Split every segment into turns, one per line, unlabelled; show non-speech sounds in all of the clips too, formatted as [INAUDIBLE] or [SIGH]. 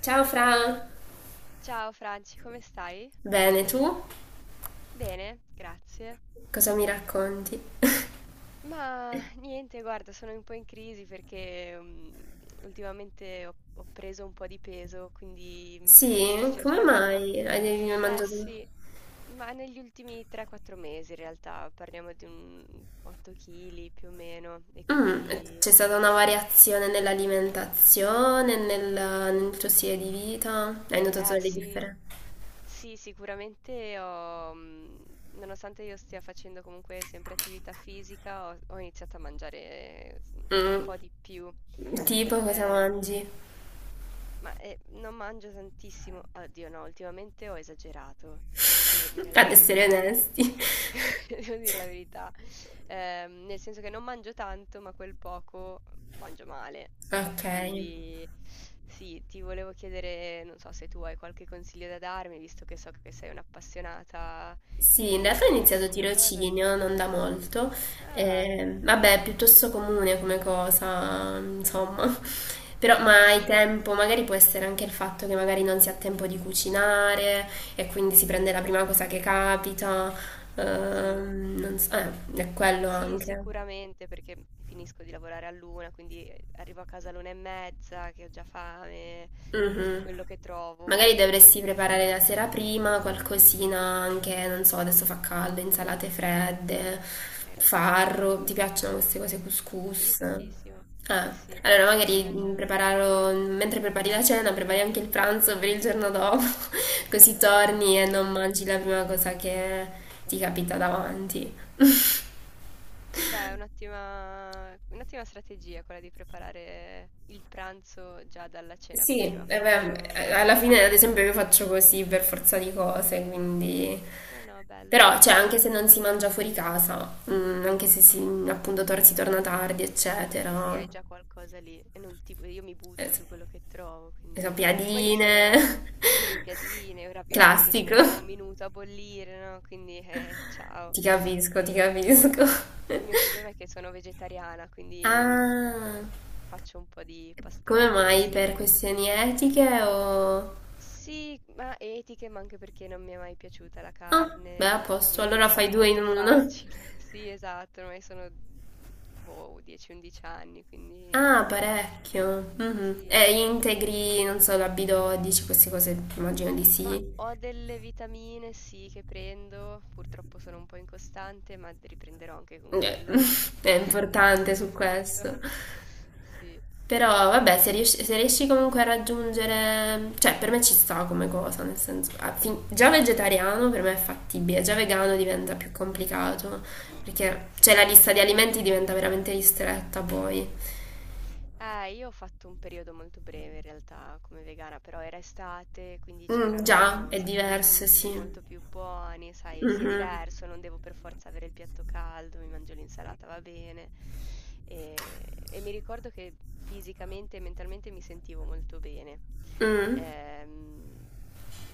Ciao Fra,
Ciao Franci, come stai?
bene tu?
Bene, grazie.
Cosa mi racconti?
Ma niente, guarda, sono un po' in crisi perché ultimamente ho preso un po' di peso, quindi sto
Sì, come
cercando.
mai hai
Eh
mangiato?
sì, ma negli ultimi 3-4 mesi in realtà parliamo di un 8 kg più o meno e
Mm,
quindi.
c'è stata una variazione nell'alimentazione, nel, nel tuo stile di vita? Hai notato
Eh
delle
sì,
differenze?
sì, sicuramente nonostante io stia facendo comunque sempre attività fisica, ho iniziato a mangiare s un
Mm,
po' di più.
tipo cosa
Ehm,
mangi? [LAUGHS]
ma, non mangio tantissimo, oddio no, ultimamente ho esagerato, devo dire la
Ad essere
verità.
onesti. [LAUGHS]
[LAUGHS] Devo dir la verità. Nel senso che non mangio tanto, ma quel poco mangio male.
Ok.
Quindi sì, ti volevo chiedere, non so se tu hai qualche consiglio da darmi, visto che so che sei un'appassionata di,
Sì, in
di-
realtà ho
di
iniziato
questa cosa.
tirocinio non da molto,
Ah,
vabbè, è piuttosto comune come cosa, insomma, [LAUGHS] però ma hai
sì,
tempo, magari può essere anche il fatto che magari non si ha tempo di cucinare e quindi si prende la prima cosa che capita,
sì,
non so, è quello
sì,
anche.
sicuramente, perché finisco di lavorare all'una, quindi arrivo a casa all'una e mezza, che ho già fame,
Mhm.
quello che
Magari
trovo,
dovresti
insomma,
preparare la sera prima qualcosina anche, non so, adesso fa caldo, insalate fredde,
hai ragione.
farro, ti piacciono queste cose
Sì,
couscous?
tantissimo. Sì,
Ah,
sì,
allora
hai
magari
ragione.
prepararlo, mentre prepari la cena, prepari anche il pranzo per il giorno dopo, [LAUGHS] così torni e non
Brava.
mangi la prima cosa che ti capita davanti. [LAUGHS]
Beh, è un'ottima strategia quella di preparare il pranzo già dalla cena
Sì, eh
prima.
beh,
Faccio
alla
una
fine ad
pentola
esempio io
più
faccio
grande.
così per forza di cose, quindi...
No, no, bello, mi
Però, cioè, anche
piace.
se non si mangia fuori casa, mm, anche se si, si torna tardi, eccetera,
Sì, sì, hai già qualcosa lì e non ti bu io mi
eh,
butto
s-
su quello che trovo,
le
quindi poi
sappiadine,
sono sì, piadine,
[LAUGHS]
ravioli che ci
classico.
mettono un minuto a bollire, no, quindi, ciao.
Ti capisco, ti
Ehm,
capisco.
poi il mio problema
[LAUGHS]
è che sono vegetariana, quindi
Ah,
faccio un po' di
come
pastrocchi,
mai? Per
sì.
questioni etiche o...
Sì, ma etiche, ma anche perché non mi è mai piaciuta la
Ah, beh, a
carne,
posto,
quindi è
allora fai
stato
due in
molto
uno.
facile. [LAUGHS] Sì, esatto, ormai sono, boh, 10-11 anni, quindi
Ah, parecchio.
sì.
Mhm. E
Sì, sì.
integri, non so, la B12, queste cose immagino di
Ma
sì.
ho delle vitamine, sì, che prendo, purtroppo sono un po' incostante, ma riprenderò anche con
Eh,
quello.
[LAUGHS] è
[LAUGHS]
importante su
Prometto.
questo.
Sì.
Però vabbè, se
Eh,
riesci, se riesci comunque a raggiungere, cioè per me ci sta come cosa, nel senso, già vegetariano per me è fattibile, già vegano diventa più
mm.
complicato, perché cioè la
Sì.
lista di alimenti diventa veramente ristretta poi.
Io ho fatto un periodo molto breve in realtà come vegana, però era estate, quindi
Mm, già,
c'erano un
è
sacco di
diverso,
frutti
sì.
molto più buoni, sai, sì, è
Mhm.
diverso, non devo per forza avere il piatto caldo, mi mangio l'insalata, va bene. E, e mi ricordo che fisicamente e mentalmente mi sentivo molto bene.
Mm.
Ehm,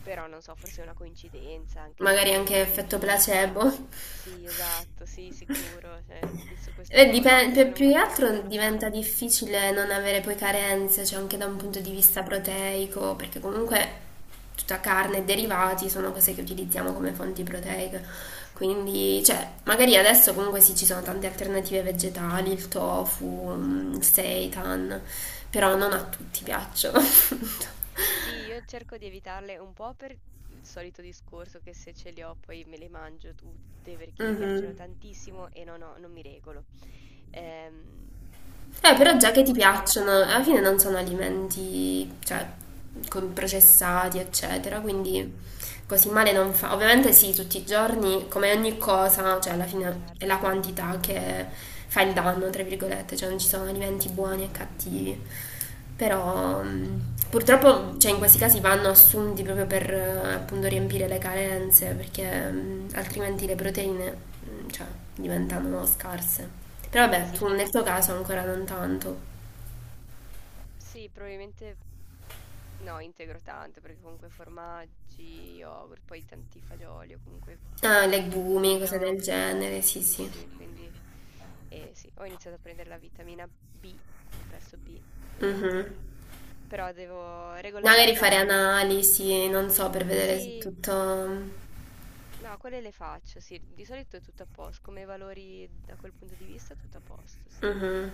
però non so, forse è una coincidenza anche col
Magari anche
periodo di
effetto
vita.
placebo.
Sì, esatto, sì, sicuro, cioè, su queste
E
cose poi sono
più che
molto
altro diventa
influenzabile.
difficile non avere poi carenze, cioè anche da un punto di vista proteico, perché comunque tutta carne e derivati sono cose che utilizziamo come fonti proteiche.
Sì,
Quindi, cioè, magari adesso comunque sì, ci sono tante alternative vegetali, il tofu,
sì,
mm, il
tantissime.
seitan, però non a tutti piacciono. [LAUGHS]
Sì, io cerco di evitarle un po' per il solito discorso che se ce li ho poi me le mangio tutte perché mi piacciono
Mhm.
tantissimo e non mi regolo. Ehm, e un po'
Però già
perché
che ti
costano
piacciono, alla fine
tanto.
non sono
Sì,
alimenti, cioè, con processati, eccetera,
mm,
quindi così male non fa. Ovviamente sì, tutti i giorni, come ogni cosa, cioè alla fine è la
certo,
quantità che fa il danno, tra virgolette, cioè non ci sono alimenti buoni e cattivi. Però
sì, hai ragione.
purtroppo, cioè, in questi casi vanno assunti proprio per appunto riempire le carenze, perché altrimenti le proteine mm, cioè, diventano scarse. Però vabbè,
Sì,
tu nel tuo
poi
caso ancora non tanto.
sì, probabilmente no, integro tanto perché comunque formaggi, yogurt, poi tanti fagioli o comunque
Ah, legumi,
legumi,
cose
no?
del genere, sì, sì.
Tantissimi, quindi. E sì, ho iniziato a prendere la vitamina B, complesso B,
Mhm.
ehm, però devo
Magari fare
regolarizzarmi su.
analisi, non so, per vedere se
Sì,
tutto... mm,
no, quelle le faccio, sì, di solito è tutto a posto, come valori da quel punto di vista tutto a posto, sì,
mhm.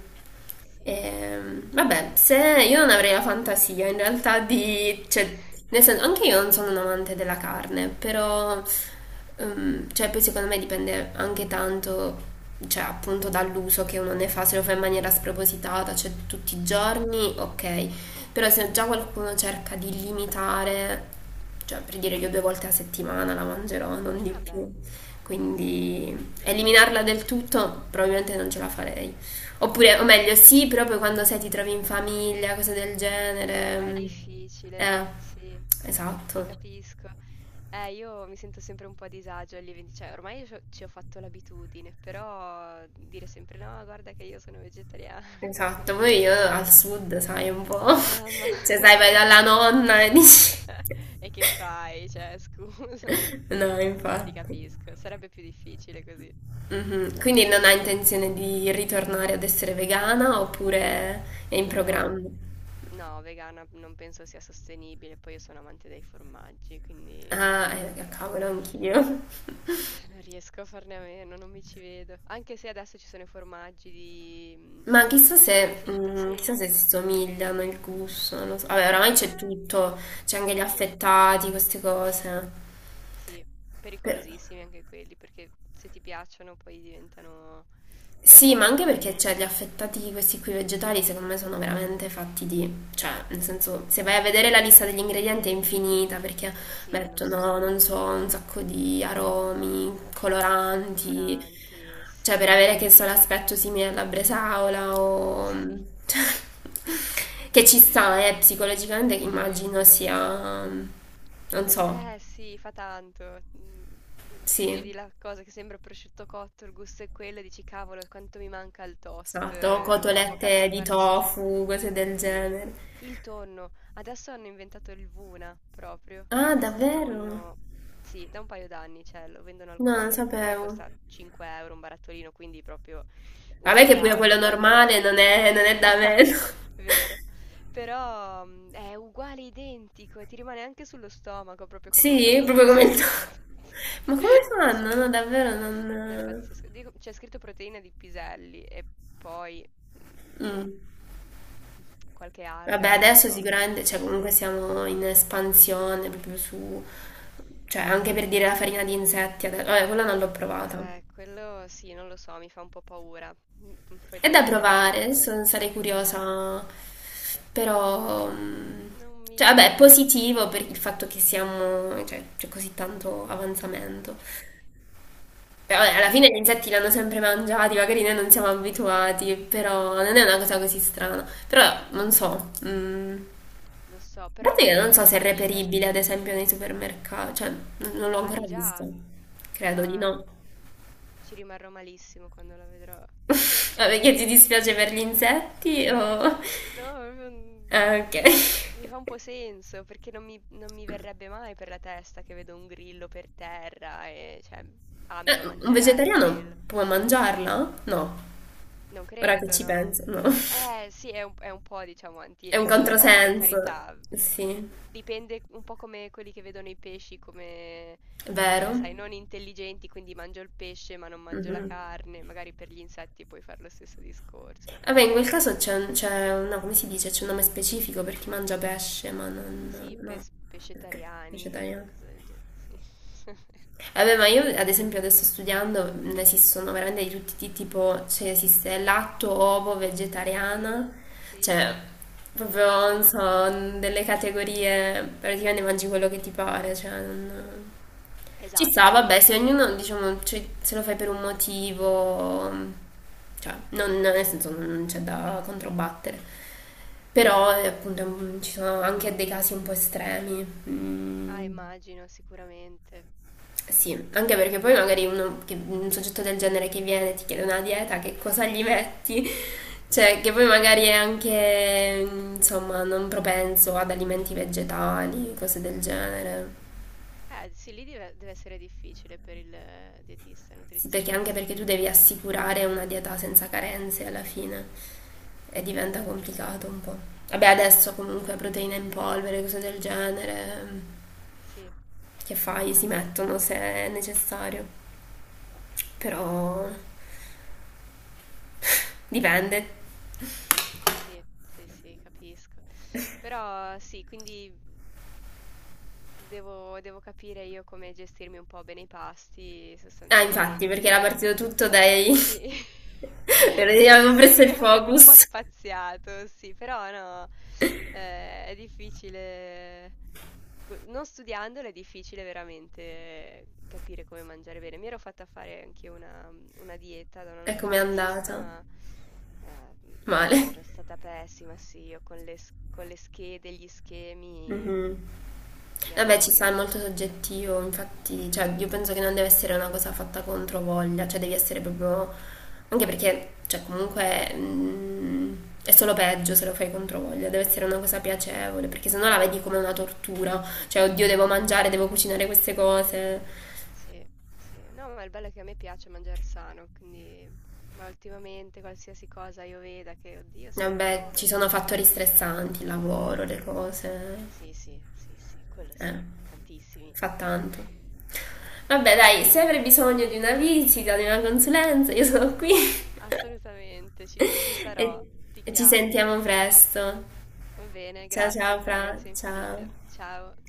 sì, sì.
Vabbè, se io non avrei la fantasia in realtà di, cioè, nel
[LAUGHS]
senso, anche io non sono un amante della carne, però, cioè, poi secondo me dipende anche tanto, cioè, appunto dall'uso che uno ne fa, se lo fa in maniera spropositata, cioè tutti i
Certo.
giorni, ok, però se già qualcuno cerca di limitare, cioè, per dire io due volte a settimana la mangerò, non di
Ah beh,
più,
benissi
quindi eliminarla del tutto probabilmente non ce la farei. Oppure, o meglio, sì, però poi quando sei ti trovi in famiglia, cose del
è
genere.
difficile,
Eh,
sì, ti
esatto,
capisco. Io mi sento sempre un po' a disagio agli eventi, cioè ormai ci ho fatto l'abitudine, però dire sempre no, guarda che io sono vegetariana.
esatto.
[LAUGHS]
Poi io al sud, sai, un po'.
Mamma,
[LAUGHS] Cioè,
[LAUGHS]
sai, vai dalla
sì.
nonna e dici...
[LAUGHS] E che fai? Cioè, scusa.
[LAUGHS]
[LAUGHS]
No,
No, ti
infatti.
capisco, sarebbe più difficile così.
Mhm. Quindi non hai intenzione di ritornare ad essere vegana oppure è in
No,
programma?
no, vegana non penso sia sostenibile, poi io sono amante dei formaggi, quindi.
Ah, cavolo, anch'io.
Non riesco a farne a meno, non mi ci vedo. Anche se adesso ci sono i formaggi di, mhmm,
Ma chissà
ehm, di
se,
frutta
mm, chissà se
secca,
si
no?
somigliano il gusto, non lo so. Vabbè, oramai c'è
Ma
tutto, c'è anche gli
sì,
affettati, queste cose.
sì,
Però-
pericolosissimi anche quelli, perché se ti piacciono poi diventano creano
sì, ma anche perché cioè,
dipendenza.
gli affettati, questi qui vegetali, secondo me sono veramente fatti di... Cioè, nel senso, se vai a vedere la lista degli ingredienti è infinita perché
Sì, non sono
mettono, non so,
buoni.
un sacco di aromi, coloranti,
Coloranti,
cioè per
sì,
avere che so l'aspetto simile alla bresaola
[LAUGHS]
o...
sì.
[LAUGHS] cioè, che ci sta, psicologicamente
Sì.
immagino sia... non so,
Eh sì, fa tanto. Mhmm, ti
sì,
vedi la cosa che sembra prosciutto cotto, il gusto è quello e dici: "Cavolo, quanto mi manca il toast
esatto,
o la
cotolette
focaccia
di
farcita".
tofu, cose del
Sì.
genere.
Il tonno. Adesso hanno inventato il Vuna proprio, che è
Ah,
questo
davvero?
tonno, sì, da un paio d'anni c'è, lo vendono al
No, non
Conad. A parte che
sapevo.
costa 5 € un barattolino, quindi proprio un
Vabbè che pure quello
regalo quando lo
normale non
com
è, non
[LAUGHS]
è da
esatto,
meno.
vero.
[LAUGHS]
Però, è uguale, identico, e ti rimane anche sullo stomaco, proprio come il
Sì,
tonno
proprio
vero.
come il tuo.
[LAUGHS]
Ma come
Sì.
fanno? No, davvero
No, è
non...
pazzesco. Dico c'è scritto proteina di piselli e poi, boh,
Mm.
[LAUGHS] qualche alga,
Vabbè,
non lo
adesso
so.
sicuramente, cioè comunque siamo in espansione proprio su... Cioè, anche per dire la farina di insetti, vabbè, quella non l'ho provata.
Quello sì, non lo so, mi fa un po' paura. Poi da
È da
vegetariana
provare,
ancora di più.
sarei curiosa,
Mhmm,
però... mm,
non
cioè,
mi non
vabbè, è
mi
positivo
ispira.
per il fatto che siamo... Cioè, c'è così tanto avanzamento. Beh, vabbè, alla
Sì,
fine gli insetti li hanno sempre mangiati, magari noi non siamo abituati, però non è una cosa così strana. Però non so, mm, a
lo so, però
parte che
noi
non
con
so se è
gli
reperibile ad
insetti.
esempio nei supermercati, cioè non l'ho
Ah, di
ancora
già?
visto, credo di
Ma
no.
ci rimarrò malissimo quando la vedrò.
[LAUGHS] Ma perché ti dispiace per gli insetti?
[LAUGHS]
O...
No, proprio,
Ah, ok.
mi fa un po' senso perché non mi verrebbe mai per la testa che vedo un grillo per terra e cioè, ah, me lo
Un
mangerei
vegetariano
quello.
può mangiarla? No,
Non
ora che
credo,
ci
no.
penso, no.
Sì, è un po', diciamo,
È
anti.
un
Sì, può, per
controsenso.
carità.
Sì,
Dipende un po' come quelli che vedono i pesci come,
è
sai,
vero.
non intelligenti, quindi mangio il pesce ma non mangio la
Mhm.
carne. Magari per gli insetti puoi fare lo stesso discorso,
Vabbè,
per
in
me.
quel caso c'è, c'è no, come si dice? C'è un nome specifico per chi mangia pesce, ma non...
Sì,
No, perché
pescetariani,
vegetariano.
qualcosa del genere, sì. [LAUGHS]
Vabbè, ma io ad esempio adesso studiando ne esistono veramente di tutti i tipi, tipo, cioè esiste latto, ovo,
Sì,
vegetariana,
sì,
cioè proprio, non
pazzesco.
so, delle categorie, praticamente mangi quello che ti pare, cioè non... Ci sta,
Esatto.
vabbè, se ognuno, diciamo, cioè, se lo fai per un motivo, cioè, non, nel senso non c'è da controbattere. Però, appunto, mm, ci sono anche dei casi un po' estremi.
Ah,
Mm,
immagino, sicuramente. Sì.
sì, anche perché poi magari un soggetto del genere che viene e ti chiede una dieta, che cosa gli metti? [LAUGHS] Cioè, che poi magari è anche, insomma, non propenso ad alimenti vegetali, cose del genere.
Sì, lì deve essere difficile per il dietista e
Sì, perché anche
nutrizionista.
perché tu devi assicurare una dieta senza carenze alla fine e diventa complicato un po'. Vabbè, adesso comunque proteine in polvere, cose del genere,
Sì,
che fai? Si mettono se è necessario, però dipende.
sì, sì, sì, capisco. Però sì, quindi devo capire io come gestirmi un po' bene i pasti,
Ah, infatti, perché era
sostanzialmente.
partito tutto dai...
Sì. [LAUGHS]
[LAUGHS]
Sì,
Avevo
sì,
preso
noi
il
abbiamo un po'
focus.
spaziato, sì, però no, è difficile. P non studiandolo è difficile veramente capire come mangiare bene. Mi ero fatta fare anch'io una dieta da una
E com'è
nutrizionista,
andata?
ma, ehm, boh,
Male.
ero stata pessima, sì, io con le s con le schede, gli schemi
Mhm.
mi
Vabbè, ci sta,
annoio.
è molto soggettivo, infatti, cioè, io penso che non deve essere una cosa fatta contro voglia, cioè devi essere proprio... anche perché, cioè, comunque mm, è solo peggio se lo fai contro voglia, deve essere una cosa piacevole, perché sennò la vedi come una tortura, cioè, oddio, devo mangiare, devo cucinare queste cose.
Sì, sì. No, ma il bello è che a me piace mangiar sano, ma ultimamente qualsiasi cosa io veda che: "Oddio, sembra
Vabbè, ci
buono".
sono fattori stressanti, il lavoro, le cose,
Sì, sì, sì, sì, quello
eh,
sì, tantissimi.
fa tanto.
[LAUGHS]
Vabbè, dai, se
Sì.
avrai bisogno di una visita, di una consulenza, io sono qui. [LAUGHS]
Assolutamente, ci
[LAUGHS] E
sarò, ti
ci
chiamo.
sentiamo presto.
Va bene,
Ciao
grazie
ciao
Fra,
Fra,
grazie
ciao.
infinite. Ciao.